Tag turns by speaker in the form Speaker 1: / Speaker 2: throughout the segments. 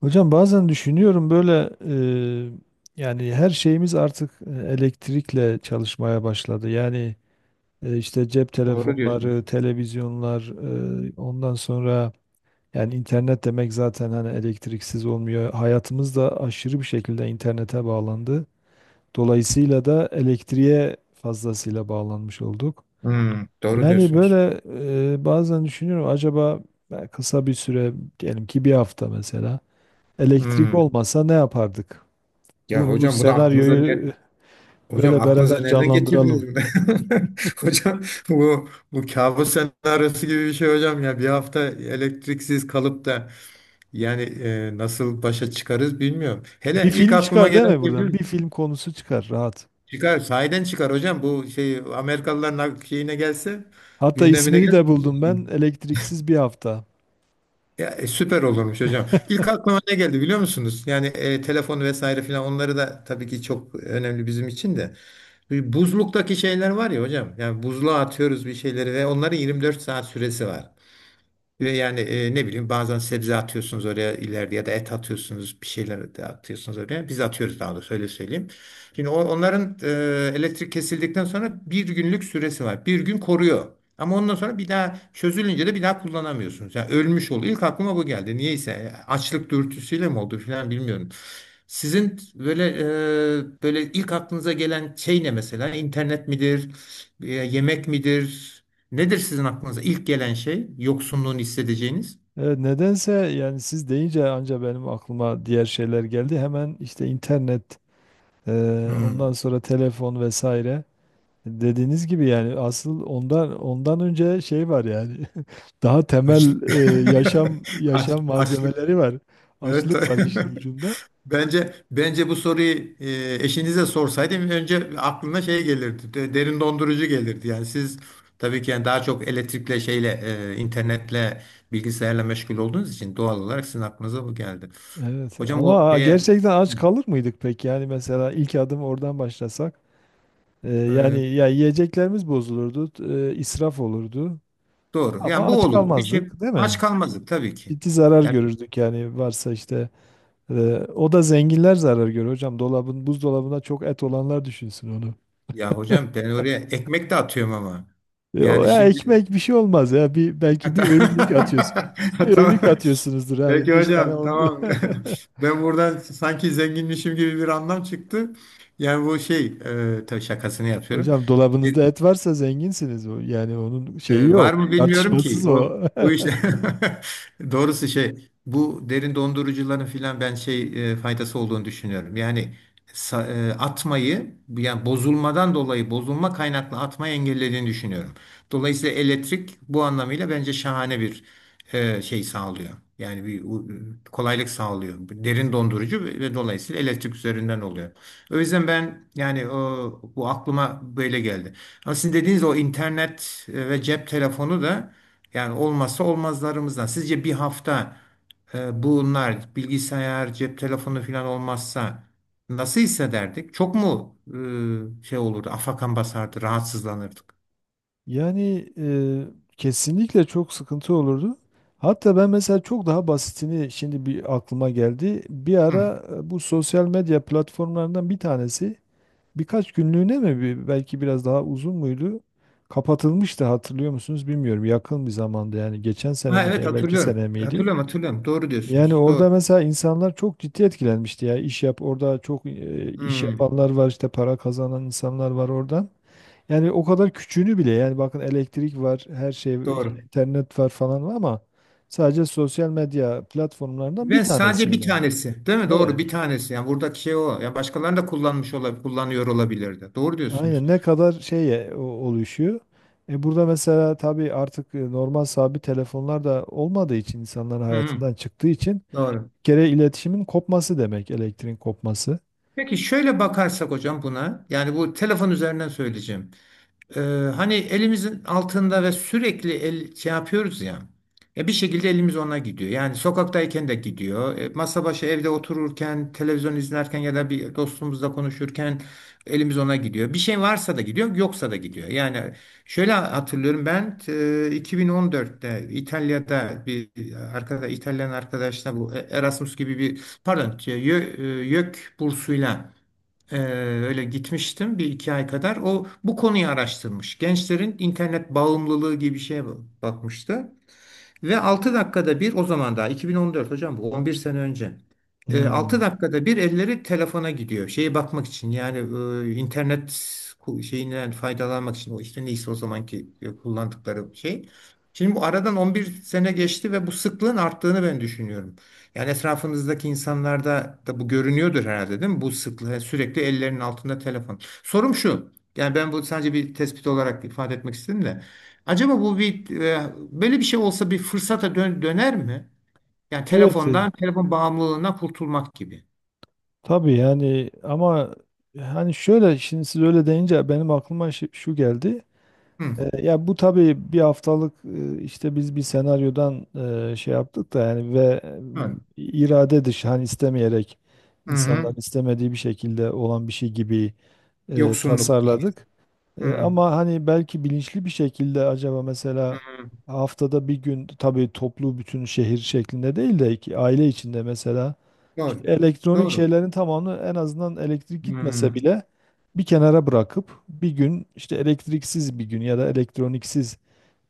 Speaker 1: Hocam bazen düşünüyorum böyle yani her şeyimiz artık elektrikle çalışmaya başladı. Yani işte cep
Speaker 2: Doğru diyorsunuz.
Speaker 1: telefonları, televizyonlar, ondan sonra yani internet demek zaten hani elektriksiz olmuyor. Hayatımız da aşırı bir şekilde internete bağlandı. Dolayısıyla da elektriğe fazlasıyla bağlanmış olduk.
Speaker 2: Hmm, doğru
Speaker 1: Yani
Speaker 2: diyorsunuz.
Speaker 1: böyle bazen düşünüyorum acaba kısa bir süre diyelim ki bir hafta mesela. Elektrik
Speaker 2: Hmm.
Speaker 1: olmasa ne yapardık?
Speaker 2: Ya
Speaker 1: Bunu bu
Speaker 2: hocam bunu aklınıza
Speaker 1: senaryoyu
Speaker 2: hocam
Speaker 1: böyle
Speaker 2: aklınıza
Speaker 1: beraber
Speaker 2: nereden getirdiniz
Speaker 1: canlandıralım.
Speaker 2: mi? Hocam bu kabus senaryosu gibi bir şey hocam, ya bir hafta elektriksiz kalıp da yani nasıl başa çıkarız bilmiyorum.
Speaker 1: Bir
Speaker 2: Hele ilk
Speaker 1: film
Speaker 2: aklıma
Speaker 1: çıkar değil
Speaker 2: gelen
Speaker 1: mi
Speaker 2: ne biliyor
Speaker 1: buradan?
Speaker 2: musun?
Speaker 1: Bir film konusu çıkar rahat.
Speaker 2: Çıkar, sahiden çıkar hocam, bu şey Amerikalıların şeyine gelse,
Speaker 1: Hatta
Speaker 2: gündemine
Speaker 1: ismini
Speaker 2: gelse.
Speaker 1: de buldum ben. Elektriksiz bir hafta.
Speaker 2: Ya, süper olurmuş hocam. İlk aklıma ne geldi biliyor musunuz? Yani telefon vesaire filan, onları da tabii ki çok önemli bizim için de. Bu buzluktaki şeyler var ya hocam. Yani buzluğa atıyoruz bir şeyleri ve onların 24 saat süresi var. Ve yani ne bileyim, bazen sebze atıyorsunuz oraya ileride ya da et atıyorsunuz, bir şeyler de atıyorsunuz oraya. Biz atıyoruz daha doğrusu, öyle söyleyeyim. Şimdi onların elektrik kesildikten sonra bir günlük süresi var. Bir gün koruyor. Ama ondan sonra bir daha çözülünce de bir daha kullanamıyorsunuz. Yani ölmüş oluyor. İlk aklıma bu geldi. Niyeyse açlık dürtüsüyle mi oldu falan bilmiyorum. Sizin böyle böyle ilk aklınıza gelen şey ne mesela? İnternet midir? E, yemek midir? Nedir sizin aklınıza ilk gelen şey? Yoksunluğunu hissedeceğiniz.
Speaker 1: Evet, nedense yani siz deyince anca benim aklıma diğer şeyler geldi. Hemen işte internet, e, ondan
Speaker 2: Hmm,
Speaker 1: sonra telefon vesaire. Dediğiniz gibi yani asıl ondan önce şey var yani. Daha temel
Speaker 2: açlık.
Speaker 1: yaşam yaşam
Speaker 2: Açlık.
Speaker 1: malzemeleri var.
Speaker 2: Evet.
Speaker 1: Açlık var işin ucunda.
Speaker 2: Bence bu soruyu eşinize sorsaydım önce aklına şey gelirdi. Derin dondurucu gelirdi. Yani siz, tabii ki yani daha çok elektrikle şeyle, internetle, bilgisayarla meşgul olduğunuz için doğal olarak sizin aklınıza bu geldi.
Speaker 1: Evet
Speaker 2: Hocam o
Speaker 1: ama
Speaker 2: şeye.
Speaker 1: gerçekten
Speaker 2: Hı.
Speaker 1: aç kalır mıydık peki? Yani mesela ilk adım oradan başlasak
Speaker 2: E,
Speaker 1: yani ya yiyeceklerimiz bozulurdu, israf olurdu
Speaker 2: doğru.
Speaker 1: ama
Speaker 2: Yani bu
Speaker 1: aç
Speaker 2: olur. Bir şey,
Speaker 1: kalmazdık değil
Speaker 2: aç
Speaker 1: mi?
Speaker 2: kalmazdık tabii ki.
Speaker 1: Ciddi zarar görürdük yani varsa işte e, o da zenginler zarar görür hocam. Buzdolabına çok et olanlar düşünsün onu.
Speaker 2: Ya hocam ben oraya ekmek de atıyorum ama.
Speaker 1: E, o
Speaker 2: Yani
Speaker 1: ya
Speaker 2: şimdi
Speaker 1: ekmek bir şey olmaz ya bir belki bir öğünlük atıyorsun. Bir
Speaker 2: tamam.
Speaker 1: öğünlük atıyorsunuzdur yani
Speaker 2: Peki
Speaker 1: beş tane
Speaker 2: hocam,
Speaker 1: on...
Speaker 2: tamam. Ben buradan sanki zenginmişim gibi bir anlam çıktı. Yani bu şey, tabii şakasını yapıyorum.
Speaker 1: Hocam dolabınızda et varsa zenginsiniz. Yani onun şeyi
Speaker 2: Var
Speaker 1: yok.
Speaker 2: mı bilmiyorum ki.
Speaker 1: Tartışmasız o.
Speaker 2: O işte doğrusu şey, bu derin dondurucuların filan ben şey faydası olduğunu düşünüyorum. Yani atmayı, yani bozulmadan dolayı, bozulma kaynaklı atmayı engellediğini düşünüyorum. Dolayısıyla elektrik bu anlamıyla bence şahane bir şey sağlıyor. Yani kolaylık sağlıyor. Derin dondurucu ve dolayısıyla elektrik üzerinden oluyor. O yüzden ben yani bu aklıma böyle geldi. Ama sizin dediğiniz o internet ve cep telefonu da yani olmazsa olmazlarımızdan. Sizce bir hafta bunlar bilgisayar, cep telefonu falan olmazsa nasıl hissederdik? Çok mu şey olurdu, afakan basardı, rahatsızlanırdık?
Speaker 1: Yani kesinlikle çok sıkıntı olurdu. Hatta ben mesela çok daha basitini şimdi bir aklıma geldi. Bir
Speaker 2: Hı.
Speaker 1: ara bu sosyal medya platformlarından bir tanesi birkaç günlüğüne mi belki biraz daha uzun muydu? Kapatılmıştı hatırlıyor musunuz bilmiyorum. Yakın bir zamanda yani geçen sene
Speaker 2: Ha, evet
Speaker 1: miydi, belki
Speaker 2: hatırlıyorum.
Speaker 1: sene miydi?
Speaker 2: Hatırlıyorum, hatırlıyorum. Doğru
Speaker 1: Yani
Speaker 2: diyorsunuz. Doğru.
Speaker 1: orada mesela insanlar çok ciddi etkilenmişti ya. İş yap Orada çok iş
Speaker 2: Hmm,
Speaker 1: yapanlar var işte para kazanan insanlar var oradan. Yani o kadar küçüğünü bile yani bakın elektrik var, her şey var, işte
Speaker 2: doğru.
Speaker 1: internet var falan var ama sadece sosyal medya platformlarından bir
Speaker 2: Ben sadece
Speaker 1: tanesi o
Speaker 2: bir
Speaker 1: da.
Speaker 2: tanesi, değil mi? Doğru,
Speaker 1: Evet.
Speaker 2: bir tanesi. Yani buradaki şey o. Ya başkalarını da kullanmış olabilir, kullanıyor olabilirdi. Doğru diyorsunuz.
Speaker 1: Aynen ne kadar şeye oluşuyor. E burada mesela tabii artık normal sabit telefonlar da olmadığı için insanların
Speaker 2: Hı hı.
Speaker 1: hayatından çıktığı için bir
Speaker 2: Doğru.
Speaker 1: kere iletişimin kopması demek elektriğin kopması.
Speaker 2: Peki şöyle bakarsak hocam buna, yani bu telefon üzerinden söyleyeceğim. Ee, hani elimizin altında ve sürekli el, şey yapıyoruz ya, ya bir şekilde elimiz ona gidiyor. Yani sokaktayken de gidiyor, masa başı evde otururken, televizyon izlerken ya da bir dostumuzla konuşurken elimiz ona gidiyor. Bir şey varsa da gidiyor, yoksa da gidiyor. Yani şöyle hatırlıyorum ben, 2014'te İtalya'da bir İtalyan arkadaşla bu Erasmus gibi bir, pardon, YÖK bursuyla ee, öyle gitmiştim bir iki ay kadar. O bu konuyu araştırmış. Gençlerin internet bağımlılığı gibi bir şeye bakmıştı. Ve 6 dakikada bir, o zaman daha 2014, hocam bu 11 sene önce. E, 6
Speaker 1: Hmm.
Speaker 2: dakikada bir elleri telefona gidiyor. Şeye bakmak için, yani internet şeyinden faydalanmak için, o işte neyse o zamanki kullandıkları şey. Şimdi bu aradan 11 sene geçti ve bu sıklığın arttığını ben düşünüyorum. Yani etrafınızdaki insanlarda da bu görünüyordur herhalde, değil mi? Bu sıklığı, yani sürekli ellerinin altında telefon. Sorum şu. Yani ben bu sadece bir tespit olarak ifade etmek istedim de. Acaba bu bir, böyle bir şey olsa, bir fırsata döner mi? Yani
Speaker 1: Evet,
Speaker 2: telefondan, telefon bağımlılığına kurtulmak gibi.
Speaker 1: tabii yani ama hani şöyle şimdi siz öyle deyince benim aklıma şu geldi.
Speaker 2: Hı.
Speaker 1: E, ya bu tabii bir haftalık işte biz bir senaryodan şey yaptık da yani ve
Speaker 2: Evet.
Speaker 1: irade dışı hani istemeyerek
Speaker 2: Hı
Speaker 1: insanların
Speaker 2: hı.
Speaker 1: istemediği bir şekilde olan bir şey gibi
Speaker 2: Yoksunluk.
Speaker 1: tasarladık. E,
Speaker 2: Hı.
Speaker 1: ama hani belki bilinçli bir şekilde acaba
Speaker 2: Hı.
Speaker 1: mesela haftada bir gün tabii toplu bütün şehir şeklinde değil de ki aile içinde mesela
Speaker 2: Doğru.
Speaker 1: işte elektronik
Speaker 2: Doğru.
Speaker 1: şeylerin tamamını en azından elektrik
Speaker 2: Hı.
Speaker 1: gitmese bile bir kenara bırakıp bir gün işte elektriksiz bir gün ya da elektroniksiz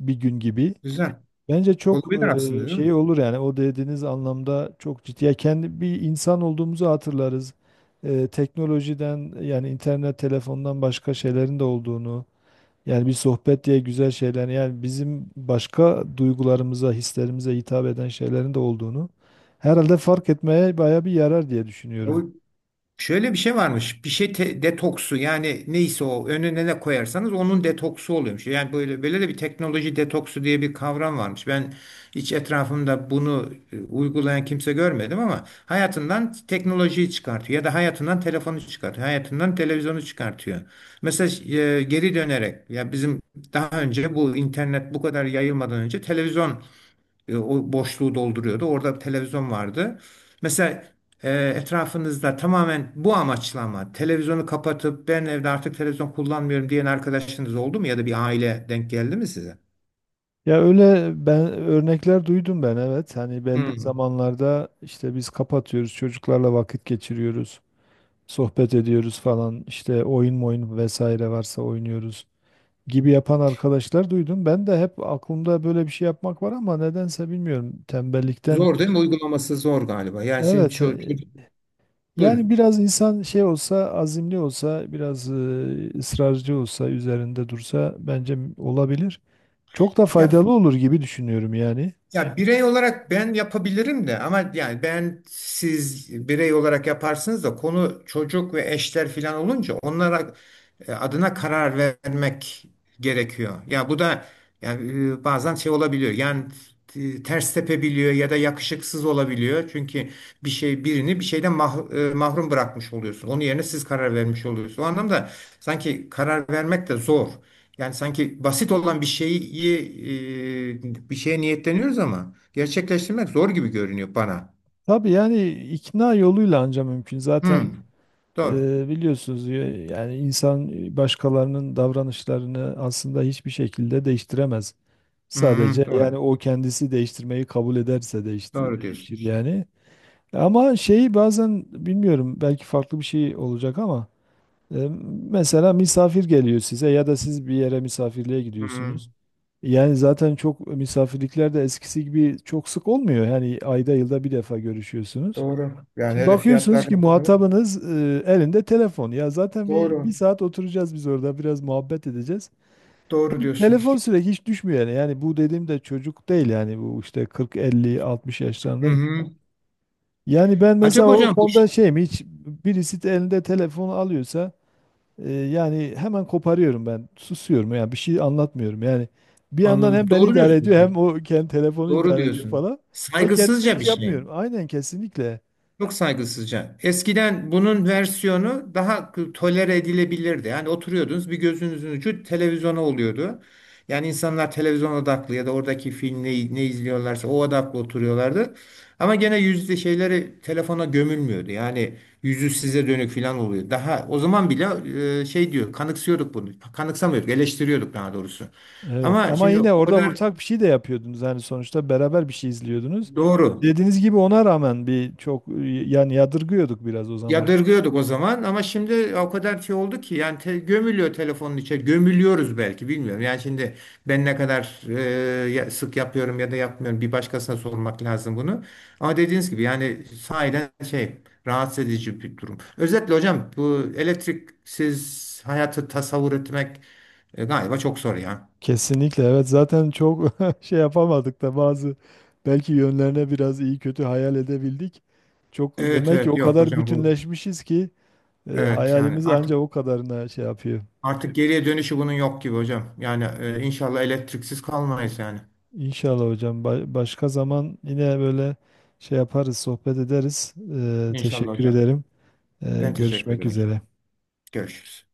Speaker 1: bir gün gibi
Speaker 2: Güzel.
Speaker 1: bence çok
Speaker 2: Olabilir aslında, değil mi?
Speaker 1: şey olur yani o dediğiniz anlamda çok ciddi. Ya kendi bir insan olduğumuzu hatırlarız. E, teknolojiden yani internet telefondan başka şeylerin de olduğunu yani bir sohbet diye güzel şeyler yani bizim başka duygularımıza hislerimize hitap eden şeylerin de olduğunu herhalde fark etmeye baya bir yarar diye düşünüyorum.
Speaker 2: Şöyle bir şey varmış. Bir şey, detoksu, yani neyse o önüne ne koyarsanız onun detoksu oluyormuş. Yani böyle böyle de bir teknoloji detoksu diye bir kavram varmış. Ben hiç etrafımda bunu uygulayan kimse görmedim ama hayatından teknolojiyi çıkartıyor ya da hayatından telefonu çıkartıyor, hayatından televizyonu çıkartıyor. Mesela geri dönerek, ya bizim daha önce, bu internet bu kadar yayılmadan önce televizyon o boşluğu dolduruyordu. Orada bir televizyon vardı. Mesela e, etrafınızda tamamen bu amaçla, ama televizyonu kapatıp ben evde artık televizyon kullanmıyorum diyen arkadaşınız oldu mu ya da bir aile denk geldi mi size?
Speaker 1: Ya öyle ben örnekler duydum ben evet. Hani belli
Speaker 2: Hmm.
Speaker 1: zamanlarda işte biz kapatıyoruz, çocuklarla vakit geçiriyoruz, sohbet ediyoruz falan. İşte oyun vesaire varsa oynuyoruz gibi yapan arkadaşlar duydum. Ben de hep aklımda böyle bir şey yapmak var ama nedense bilmiyorum tembellikten
Speaker 2: Zor değil
Speaker 1: midir?
Speaker 2: mi? Uygulaması zor galiba. Yani sizin
Speaker 1: Evet.
Speaker 2: çocuk,
Speaker 1: Yani
Speaker 2: buyurun.
Speaker 1: biraz insan şey olsa, azimli olsa, biraz ısrarcı olsa, üzerinde dursa bence olabilir. Çok da
Speaker 2: Ya.
Speaker 1: faydalı olur gibi düşünüyorum yani.
Speaker 2: Ya birey olarak ben yapabilirim de, ama yani ben, siz birey olarak yaparsınız da konu çocuk ve eşler filan olunca onlara adına karar vermek gerekiyor. Ya bu da yani bazen şey olabiliyor. Yani ters tepebiliyor ya da yakışıksız olabiliyor. Çünkü bir şey, birini bir şeyden mahrum bırakmış oluyorsun. Onun yerine siz karar vermiş oluyorsunuz. O anlamda sanki karar vermek de zor. Yani sanki basit olan bir şeyi, bir şeye niyetleniyoruz ama gerçekleştirmek zor gibi görünüyor bana.
Speaker 1: Tabii yani ikna yoluyla anca mümkün. Zaten
Speaker 2: Hmm, doğru.
Speaker 1: biliyorsunuz yani insan başkalarının davranışlarını aslında hiçbir şekilde değiştiremez. Sadece
Speaker 2: Hmm,
Speaker 1: yani
Speaker 2: doğru.
Speaker 1: o kendisi değiştirmeyi kabul ederse
Speaker 2: Doğru
Speaker 1: değişir
Speaker 2: diyorsunuz.
Speaker 1: yani. Ama şeyi bazen bilmiyorum belki farklı bir şey olacak ama e, mesela misafir geliyor size ya da siz bir yere misafirliğe gidiyorsunuz.
Speaker 2: Hmm,
Speaker 1: Yani zaten çok misafirlikler de eskisi gibi çok sık olmuyor. Yani ayda yılda bir defa görüşüyorsunuz.
Speaker 2: doğru. Yani
Speaker 1: Şimdi
Speaker 2: öyle
Speaker 1: bakıyorsunuz ki
Speaker 2: fiyatlardan sonra.
Speaker 1: muhatabınız elinde telefon. Ya zaten bir
Speaker 2: Doğru.
Speaker 1: saat oturacağız biz orada biraz muhabbet edeceğiz.
Speaker 2: Doğru
Speaker 1: Telefon
Speaker 2: diyorsunuz.
Speaker 1: sürekli hiç düşmüyor yani. Yani bu dediğim de çocuk değil yani bu işte 40, 50, 60
Speaker 2: Hı
Speaker 1: yaşlarında.
Speaker 2: hı.
Speaker 1: Yani ben mesela
Speaker 2: Acaba
Speaker 1: o
Speaker 2: hocam bu,
Speaker 1: konuda şeyim hiç birisi de elinde telefonu alıyorsa yani hemen koparıyorum ben. Susuyorum yani bir şey anlatmıyorum yani. Bir yandan hem
Speaker 2: anladım.
Speaker 1: beni
Speaker 2: Doğru
Speaker 1: idare ediyor
Speaker 2: diyorsunuz.
Speaker 1: hem o kendi telefonu
Speaker 2: Doğru
Speaker 1: idare ediyor
Speaker 2: diyorsunuz.
Speaker 1: falan. Ve kendim de
Speaker 2: Saygısızca
Speaker 1: hiç
Speaker 2: bir şey.
Speaker 1: yapmıyorum. Aynen kesinlikle.
Speaker 2: Çok saygısızca. Eskiden bunun versiyonu daha tolere edilebilirdi. Yani oturuyordunuz, bir gözünüzün ucu televizyona oluyordu. Yani insanlar televizyon odaklı ya da oradaki film ne, ne izliyorlarsa o odaklı oturuyorlardı. Ama gene yüzde şeyleri telefona gömülmüyordu. Yani yüzü size dönük falan oluyor. Daha o zaman bile şey diyor, kanıksıyorduk bunu. Kanıksamıyorduk, eleştiriyorduk daha doğrusu.
Speaker 1: Evet
Speaker 2: Ama
Speaker 1: ama
Speaker 2: şimdi
Speaker 1: yine
Speaker 2: o
Speaker 1: orada
Speaker 2: kadar,
Speaker 1: ortak bir şey de yapıyordunuz yani sonuçta beraber bir şey izliyordunuz.
Speaker 2: doğru.
Speaker 1: Dediğiniz gibi ona rağmen bir çok yani yadırgıyorduk biraz o zaman.
Speaker 2: Yadırgıyorduk o zaman, ama şimdi o kadar şey oldu ki, yani gömülüyor, telefonun içe gömülüyoruz belki, bilmiyorum. Yani şimdi ben ne kadar sık yapıyorum ya da yapmıyorum, bir başkasına sormak lazım bunu. Ama dediğiniz gibi yani sahiden şey, rahatsız edici bir durum. Özetle hocam, bu elektriksiz hayatı tasavvur etmek galiba çok zor ya.
Speaker 1: Kesinlikle evet zaten çok şey yapamadık da bazı belki yönlerine biraz iyi kötü hayal edebildik. Çok
Speaker 2: Evet
Speaker 1: demek ki
Speaker 2: evet,
Speaker 1: o
Speaker 2: yok
Speaker 1: kadar
Speaker 2: hocam bu,
Speaker 1: bütünleşmişiz ki
Speaker 2: evet yani
Speaker 1: hayalimiz
Speaker 2: artık,
Speaker 1: ancak o kadarına şey yapıyor.
Speaker 2: artık geriye dönüşü bunun yok gibi hocam. Yani inşallah elektriksiz kalmayız yani.
Speaker 1: İnşallah hocam başka zaman yine böyle şey yaparız sohbet ederiz. E,
Speaker 2: İnşallah
Speaker 1: teşekkür
Speaker 2: hocam.
Speaker 1: ederim. E,
Speaker 2: Ben teşekkür
Speaker 1: görüşmek
Speaker 2: ederim.
Speaker 1: üzere.
Speaker 2: Görüşürüz.